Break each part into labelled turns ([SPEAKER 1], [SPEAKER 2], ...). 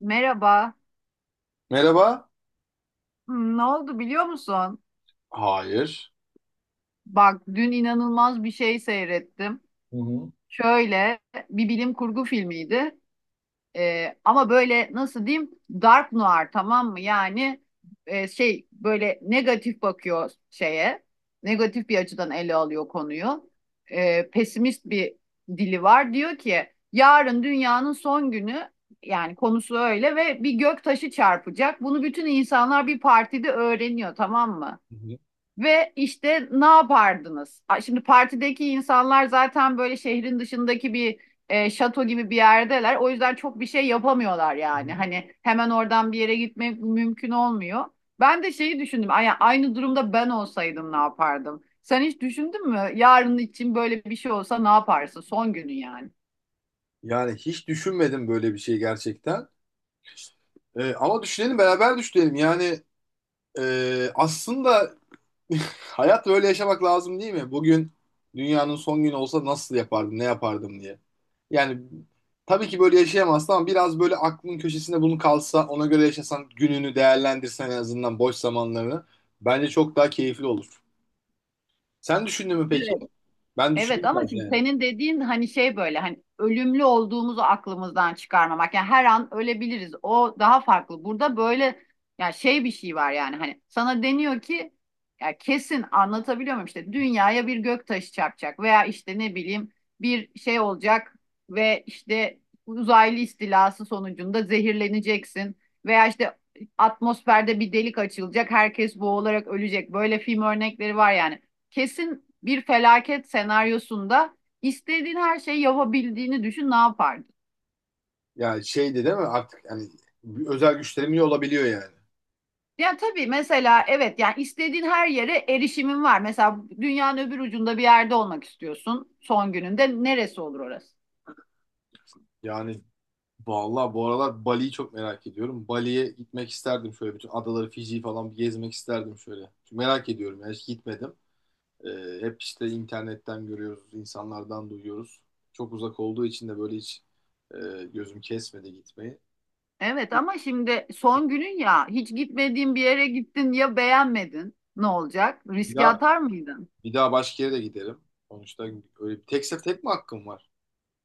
[SPEAKER 1] Merhaba.
[SPEAKER 2] Merhaba.
[SPEAKER 1] Ne oldu biliyor musun?
[SPEAKER 2] Hayır.
[SPEAKER 1] Bak dün inanılmaz bir şey seyrettim.
[SPEAKER 2] Hı hı.
[SPEAKER 1] Şöyle bir bilim kurgu filmiydi. Ama böyle nasıl diyeyim? Dark noir, tamam mı? Yani şey, böyle negatif bakıyor şeye. Negatif bir açıdan ele alıyor konuyu. Pesimist bir dili var. Diyor ki yarın dünyanın son günü, yani konusu öyle ve bir gök taşı çarpacak. Bunu bütün insanlar bir partide öğreniyor, tamam mı?
[SPEAKER 2] Hı hı,
[SPEAKER 1] Ve işte ne yapardınız? Şimdi partideki insanlar zaten böyle şehrin dışındaki bir şato gibi bir yerdeler. O yüzden çok bir şey yapamıyorlar
[SPEAKER 2] hı
[SPEAKER 1] yani.
[SPEAKER 2] hı.
[SPEAKER 1] Hani hemen oradan bir yere gitmek mümkün olmuyor. Ben de şeyi düşündüm. Aynı durumda ben olsaydım ne yapardım? Sen hiç düşündün mü? Yarın için böyle bir şey olsa ne yaparsın? Son günün yani.
[SPEAKER 2] Yani hiç düşünmedim böyle bir şey gerçekten. Ama düşünelim, beraber düşünelim. Aslında hayat böyle yaşamak lazım değil mi? Bugün dünyanın son günü olsa nasıl yapardım, ne yapardım diye. Yani tabii ki böyle yaşayamazsın ama biraz böyle aklının köşesinde bunu kalsa, ona göre yaşasan, gününü değerlendirsen en azından boş zamanlarını bence çok daha keyifli olur. Sen düşündün mü peki?
[SPEAKER 1] Evet.
[SPEAKER 2] Ben
[SPEAKER 1] Evet
[SPEAKER 2] düşündüm
[SPEAKER 1] ama
[SPEAKER 2] biraz
[SPEAKER 1] şimdi
[SPEAKER 2] yani.
[SPEAKER 1] senin dediğin hani şey, böyle hani ölümlü olduğumuzu aklımızdan çıkarmamak. Yani her an ölebiliriz. O daha farklı. Burada böyle yani şey, bir şey var yani hani sana deniyor ki, ya kesin anlatabiliyor muyum, işte dünyaya bir gök taşı çarpacak veya işte ne bileyim bir şey olacak ve işte uzaylı istilası sonucunda zehirleneceksin veya işte atmosferde bir delik açılacak, herkes boğularak ölecek. Böyle film örnekleri var yani, kesin bir felaket senaryosunda istediğin her şeyi yapabildiğini düşün, ne yapardın?
[SPEAKER 2] Yani şeydi değil mi? Artık yani bir özel güçlerim iyi olabiliyor yani.
[SPEAKER 1] Ya tabii mesela evet, yani istediğin her yere erişimin var. Mesela dünyanın öbür ucunda bir yerde olmak istiyorsun, son gününde neresi olur orası?
[SPEAKER 2] Yani vallahi bu aralar Bali'yi çok merak ediyorum. Bali'ye gitmek isterdim, şöyle bütün adaları, Fiji'yi falan bir gezmek isterdim şöyle. Çünkü merak ediyorum yani, hiç gitmedim. Hep işte internetten görüyoruz, insanlardan duyuyoruz. Çok uzak olduğu için de böyle hiç e, gözüm kesmedi gitmeyi.
[SPEAKER 1] Evet ama şimdi son günün, ya hiç gitmediğin bir yere gittin ya beğenmedin, ne olacak?
[SPEAKER 2] Bir
[SPEAKER 1] Riske
[SPEAKER 2] daha
[SPEAKER 1] atar mıydın?
[SPEAKER 2] bir daha başka yere de giderim. Sonuçta öyle bir tek tek mi hakkım var?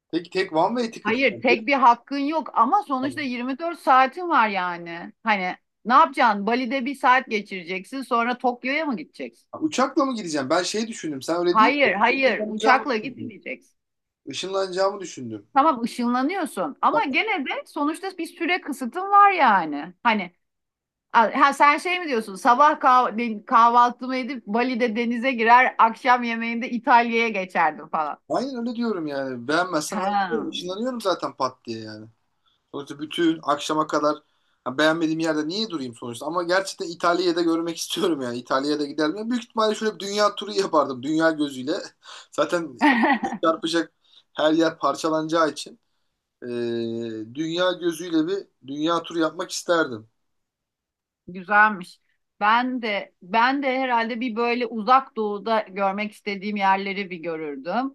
[SPEAKER 2] Tek tek one way ticket.
[SPEAKER 1] Hayır, tek bir hakkın yok ama sonuçta 24 saatin var yani. Hani ne yapacaksın? Bali'de bir saat geçireceksin, sonra Tokyo'ya mı gideceksin?
[SPEAKER 2] Uçakla mı gideceğim? Ben şey düşündüm. Sen öyle değil mi?
[SPEAKER 1] Hayır, hayır.
[SPEAKER 2] Işınlanacağımı
[SPEAKER 1] Uçakla
[SPEAKER 2] düşündüm.
[SPEAKER 1] gitmeyeceksin.
[SPEAKER 2] Işınlanacağımı düşündüm.
[SPEAKER 1] Tamam, ışınlanıyorsun ama
[SPEAKER 2] Tamam.
[SPEAKER 1] gene de sonuçta bir süre kısıtın var yani. Hani ha, sen şey mi diyorsun? Sabah kahvaltımı edip Bali'de denize girer, akşam yemeğinde İtalya'ya geçerdim falan.
[SPEAKER 2] Aynen öyle diyorum yani. Beğenmezsem ben gidiyorum.
[SPEAKER 1] Ha.
[SPEAKER 2] Işınlanıyorum zaten pat diye yani. Sonuçta bütün akşama kadar ha, beğenmediğim yerde niye durayım sonuçta? Ama gerçekten İtalya'da görmek istiyorum yani. İtalya'da giderdim. Ya büyük ihtimalle şöyle bir dünya turu yapardım. Dünya gözüyle. Zaten çarpacak, her yer parçalanacağı için. Ee, Dünya gözüyle bir dünya turu yapmak isterdim.
[SPEAKER 1] Güzelmiş. Ben de herhalde bir böyle uzak doğuda görmek istediğim yerleri bir görürdüm.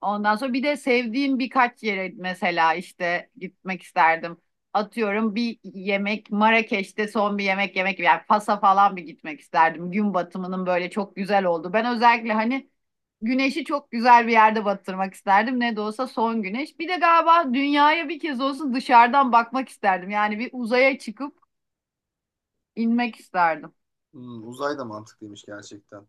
[SPEAKER 1] Ondan sonra bir de sevdiğim birkaç yere mesela işte gitmek isterdim. Atıyorum bir yemek Marrakeş'te, son bir yemek yemek, yani Fas'a falan bir gitmek isterdim. Gün batımının böyle çok güzel oldu. Ben özellikle hani güneşi çok güzel bir yerde batırmak isterdim. Ne de olsa son güneş. Bir de galiba dünyaya bir kez olsun dışarıdan bakmak isterdim. Yani bir uzaya çıkıp inmek isterdim.
[SPEAKER 2] Hmm, uzay da mantıklıymış gerçekten.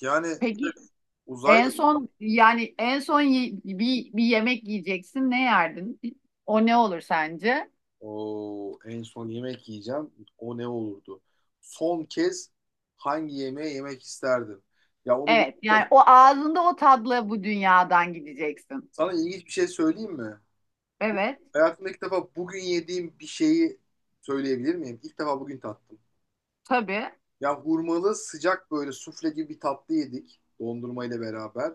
[SPEAKER 2] Yani
[SPEAKER 1] Peki
[SPEAKER 2] uzay.
[SPEAKER 1] en son, yani en son bir, bir yemek yiyeceksin ne yerdin? O ne olur sence?
[SPEAKER 2] O en son yemek yiyeceğim. O ne olurdu? Son kez hangi yemeği yemek isterdim? Ya onu
[SPEAKER 1] Evet
[SPEAKER 2] bıraktım.
[SPEAKER 1] yani o ağzında o tadla bu dünyadan gideceksin.
[SPEAKER 2] Sana ilginç bir şey söyleyeyim mi? Bu,
[SPEAKER 1] Evet,
[SPEAKER 2] hayatımda ilk defa bugün yediğim bir şeyi söyleyebilir miyim? İlk defa bugün tattım.
[SPEAKER 1] tabii.
[SPEAKER 2] Ya hurmalı sıcak böyle sufle gibi bir tatlı yedik, dondurma ile beraber.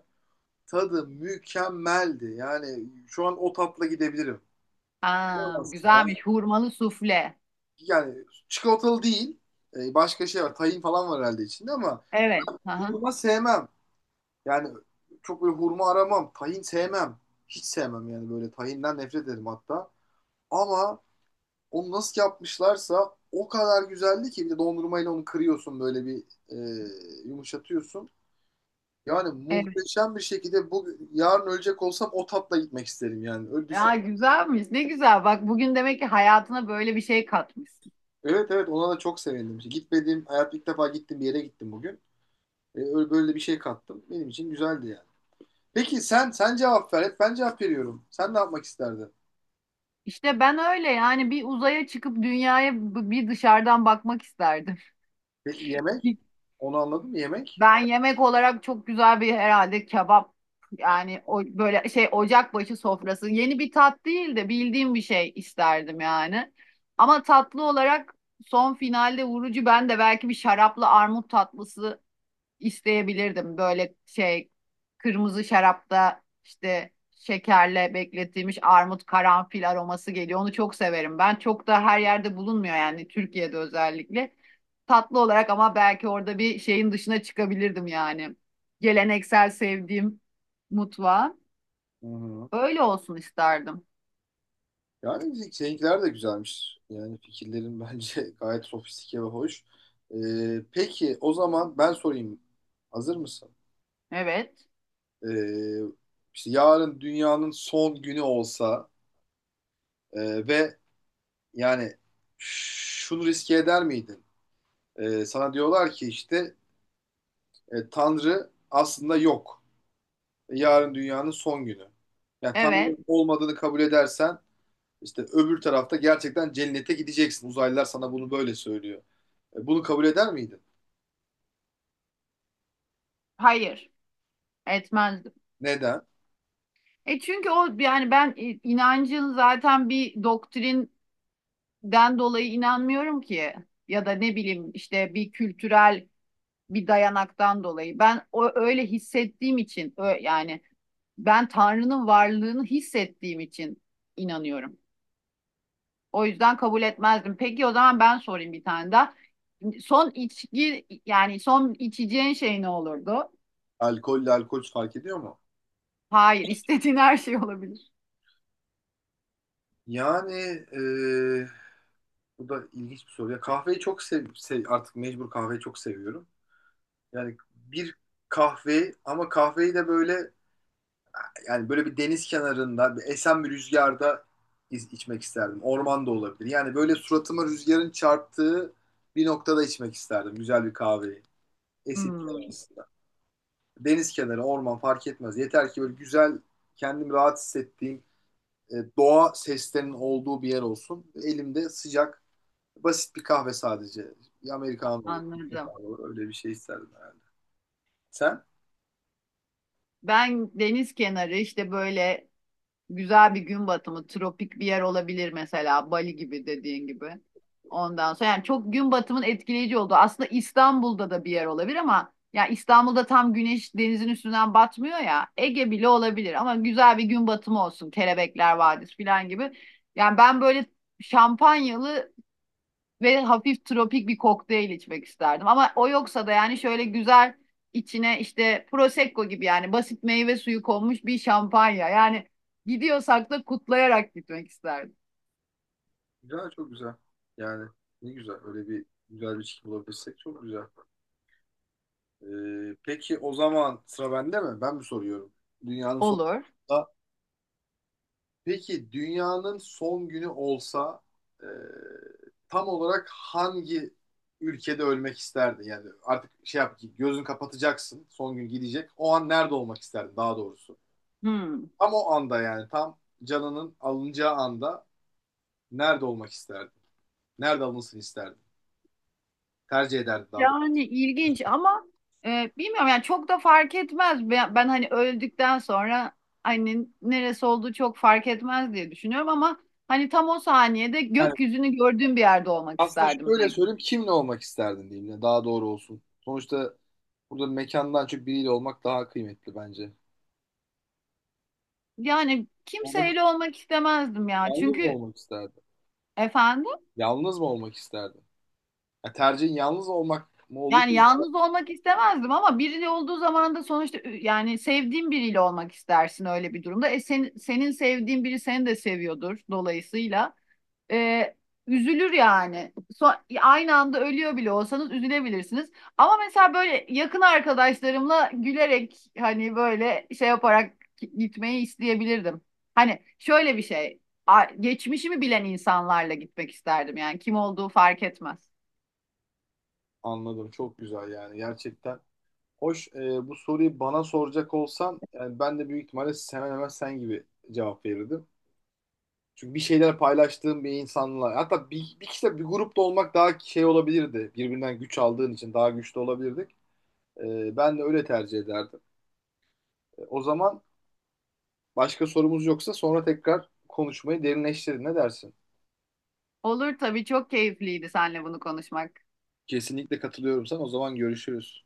[SPEAKER 2] Tadı mükemmeldi. Yani şu an o tatla gidebilirim.
[SPEAKER 1] Aa,
[SPEAKER 2] İnanamazsın. Ben
[SPEAKER 1] güzelmiş hurmalı sufle.
[SPEAKER 2] yani çikolatalı değil. Başka şey var. Tahin falan var herhalde içinde, ama
[SPEAKER 1] Evet. Aha,
[SPEAKER 2] hurma sevmem. Yani çok böyle hurma aramam. Tahin sevmem. Hiç sevmem yani, böyle tahinden nefret ederim hatta. Ama onu nasıl yapmışlarsa o kadar güzeldi ki, bir de dondurmayla onu kırıyorsun böyle bir e, yumuşatıyorsun. Yani
[SPEAKER 1] evet.
[SPEAKER 2] muhteşem bir şekilde bu yarın ölecek olsam o tatla gitmek isterim yani. Öyle
[SPEAKER 1] Ya
[SPEAKER 2] düşün.
[SPEAKER 1] güzelmiş, ne güzel, bak bugün demek ki hayatına böyle bir şey katmışsın.
[SPEAKER 2] Evet evet, ona da çok sevindim. İşte gitmediğim hayat, ilk defa gittim, bir yere gittim bugün. Öyle böyle bir şey kattım. Benim için güzeldi yani. Peki sen, sen cevap ver. Hep ben cevap veriyorum. Sen ne yapmak isterdin?
[SPEAKER 1] İşte ben öyle, yani bir uzaya çıkıp dünyaya bir dışarıdan bakmak isterdim.
[SPEAKER 2] Peki yemek? Onu anladım, yemek.
[SPEAKER 1] Ben yemek olarak çok güzel bir herhalde kebap, yani o böyle şey ocakbaşı sofrası, yeni bir tat değil de bildiğim bir şey isterdim yani. Ama tatlı olarak son finalde vurucu, ben de belki bir şaraplı armut tatlısı isteyebilirdim. Böyle şey, kırmızı şarapta işte şekerle bekletilmiş armut, karanfil aroması geliyor. Onu çok severim. Ben çok da her yerde bulunmuyor yani, Türkiye'de özellikle. Tatlı olarak ama belki orada bir şeyin dışına çıkabilirdim yani. Geleneksel sevdiğim mutfağa.
[SPEAKER 2] Hı hı.
[SPEAKER 1] Öyle olsun isterdim.
[SPEAKER 2] Yani bizim seninkiler de güzelmiş. Yani fikirlerin bence gayet sofistike ve hoş. Peki o zaman ben sorayım. Hazır mısın?
[SPEAKER 1] Evet.
[SPEAKER 2] Ee, işte yarın dünyanın son günü olsa ve yani şunu riske eder miydin? Sana diyorlar ki işte Tanrı aslında yok. Yarın dünyanın son günü. Yani Tanrı
[SPEAKER 1] Evet.
[SPEAKER 2] olmadığını kabul edersen, İşte öbür tarafta gerçekten cennete gideceksin. Uzaylılar sana bunu böyle söylüyor. E, bunu kabul eder miydin?
[SPEAKER 1] Hayır. Etmezdim.
[SPEAKER 2] Neden?
[SPEAKER 1] E çünkü o yani ben inancın zaten bir doktrin den dolayı inanmıyorum ki, ya da ne bileyim işte bir kültürel bir dayanaktan dolayı. Ben o öyle hissettiğim için, yani ben Tanrı'nın varlığını hissettiğim için inanıyorum. O yüzden kabul etmezdim. Peki o zaman ben sorayım bir tane daha. Son içki, yani son içeceğin şey ne olurdu?
[SPEAKER 2] Alkolle, alkol fark ediyor mu?
[SPEAKER 1] Hayır, istediğin her şey olabilir.
[SPEAKER 2] Yani e, Bu da ilginç bir soru. Ya kahveyi çok artık mecbur kahveyi çok seviyorum. Yani bir kahve, ama kahveyi de böyle, yani böyle bir deniz kenarında, bir esen bir rüzgarda içmek isterdim. Orman da olabilir. Yani böyle suratıma rüzgarın çarptığı bir noktada içmek isterdim güzel bir kahveyi. Esintiler.
[SPEAKER 1] Hmm,
[SPEAKER 2] Deniz kenarı, orman fark etmez. Yeter ki böyle güzel, kendimi rahat hissettiğim, doğa seslerinin olduğu bir yer olsun. Elimde sıcak, basit bir kahve sadece. Bir Amerikan olur, bir
[SPEAKER 1] anladım.
[SPEAKER 2] kahve olur. Öyle bir şey isterdim herhalde. Sen?
[SPEAKER 1] Ben deniz kenarı, işte böyle güzel bir gün batımı, tropik bir yer olabilir mesela Bali gibi, dediğin gibi. Ondan sonra yani çok gün batımının etkileyici olduğu. Aslında İstanbul'da da bir yer olabilir ama ya İstanbul'da tam güneş denizin üstünden batmıyor ya. Ege bile olabilir ama güzel bir gün batımı olsun. Kelebekler Vadisi falan gibi. Yani ben böyle şampanyalı ve hafif tropik bir kokteyl içmek isterdim. Ama o yoksa da yani şöyle güzel, içine işte prosecco gibi yani basit meyve suyu konmuş bir şampanya. Yani gidiyorsak da kutlayarak gitmek isterdim.
[SPEAKER 2] Güzel, çok güzel. Yani ne güzel. Öyle bir güzel bir çift bulabilirsek çok güzel. E, peki o zaman sıra bende mi? Ben mi soruyorum? Dünyanın sonunda
[SPEAKER 1] Olur.
[SPEAKER 2] peki dünyanın son günü olsa, e, tam olarak hangi ülkede ölmek isterdin? Yani artık şey yap ki gözün kapatacaksın. Son gün gidecek. O an nerede olmak isterdin daha doğrusu?
[SPEAKER 1] Hmm.
[SPEAKER 2] Tam o anda, yani tam canının alınacağı anda nerede olmak isterdin? Nerede alınsın isterdin? Tercih ederdin daha doğrusu.
[SPEAKER 1] Yani ilginç ama bilmiyorum yani çok da fark etmez. Ben hani öldükten sonra hani neresi olduğu çok fark etmez diye düşünüyorum ama hani tam o saniyede
[SPEAKER 2] Yani
[SPEAKER 1] gökyüzünü gördüğüm bir yerde olmak
[SPEAKER 2] aslında
[SPEAKER 1] isterdim.
[SPEAKER 2] şöyle söyleyeyim, kimle olmak isterdin diyeyim de daha doğru olsun. Sonuçta burada mekandan çok biriyle olmak daha kıymetli bence.
[SPEAKER 1] Yani
[SPEAKER 2] Olmak,
[SPEAKER 1] kimseyle olmak istemezdim ya.
[SPEAKER 2] yalnız mı
[SPEAKER 1] Çünkü
[SPEAKER 2] olmak isterdin?
[SPEAKER 1] efendim,
[SPEAKER 2] Yalnız mı olmak isterdin? Ya tercihin yalnız olmak mı olur?
[SPEAKER 1] yani yalnız olmak istemezdim ama biriyle olduğu zaman da sonuçta yani sevdiğin biriyle olmak istersin öyle bir durumda. Senin sevdiğin biri seni de seviyordur dolayısıyla. Ee, Üzülür yani. So aynı anda ölüyor bile olsanız üzülebilirsiniz. Ama mesela böyle yakın arkadaşlarımla gülerek, hani böyle şey yaparak gitmeyi isteyebilirdim. Hani şöyle bir şey. Geçmişimi bilen insanlarla gitmek isterdim yani, kim olduğu fark etmez.
[SPEAKER 2] Anladım. Çok güzel yani. Gerçekten hoş. Bu soruyu bana soracak olsan, yani ben de büyük ihtimalle hemen hemen sen gibi cevap verirdim. Çünkü bir şeyler paylaştığım bir insanla, hatta bir kişiyle bir grupta olmak daha şey olabilirdi. Birbirinden güç aldığın için daha güçlü olabilirdik. Ben de öyle tercih ederdim. O zaman başka sorumuz yoksa sonra tekrar konuşmayı derinleştirin. Ne dersin?
[SPEAKER 1] Olur tabii, çok keyifliydi seninle bunu konuşmak.
[SPEAKER 2] Kesinlikle katılıyorum sana. O zaman görüşürüz.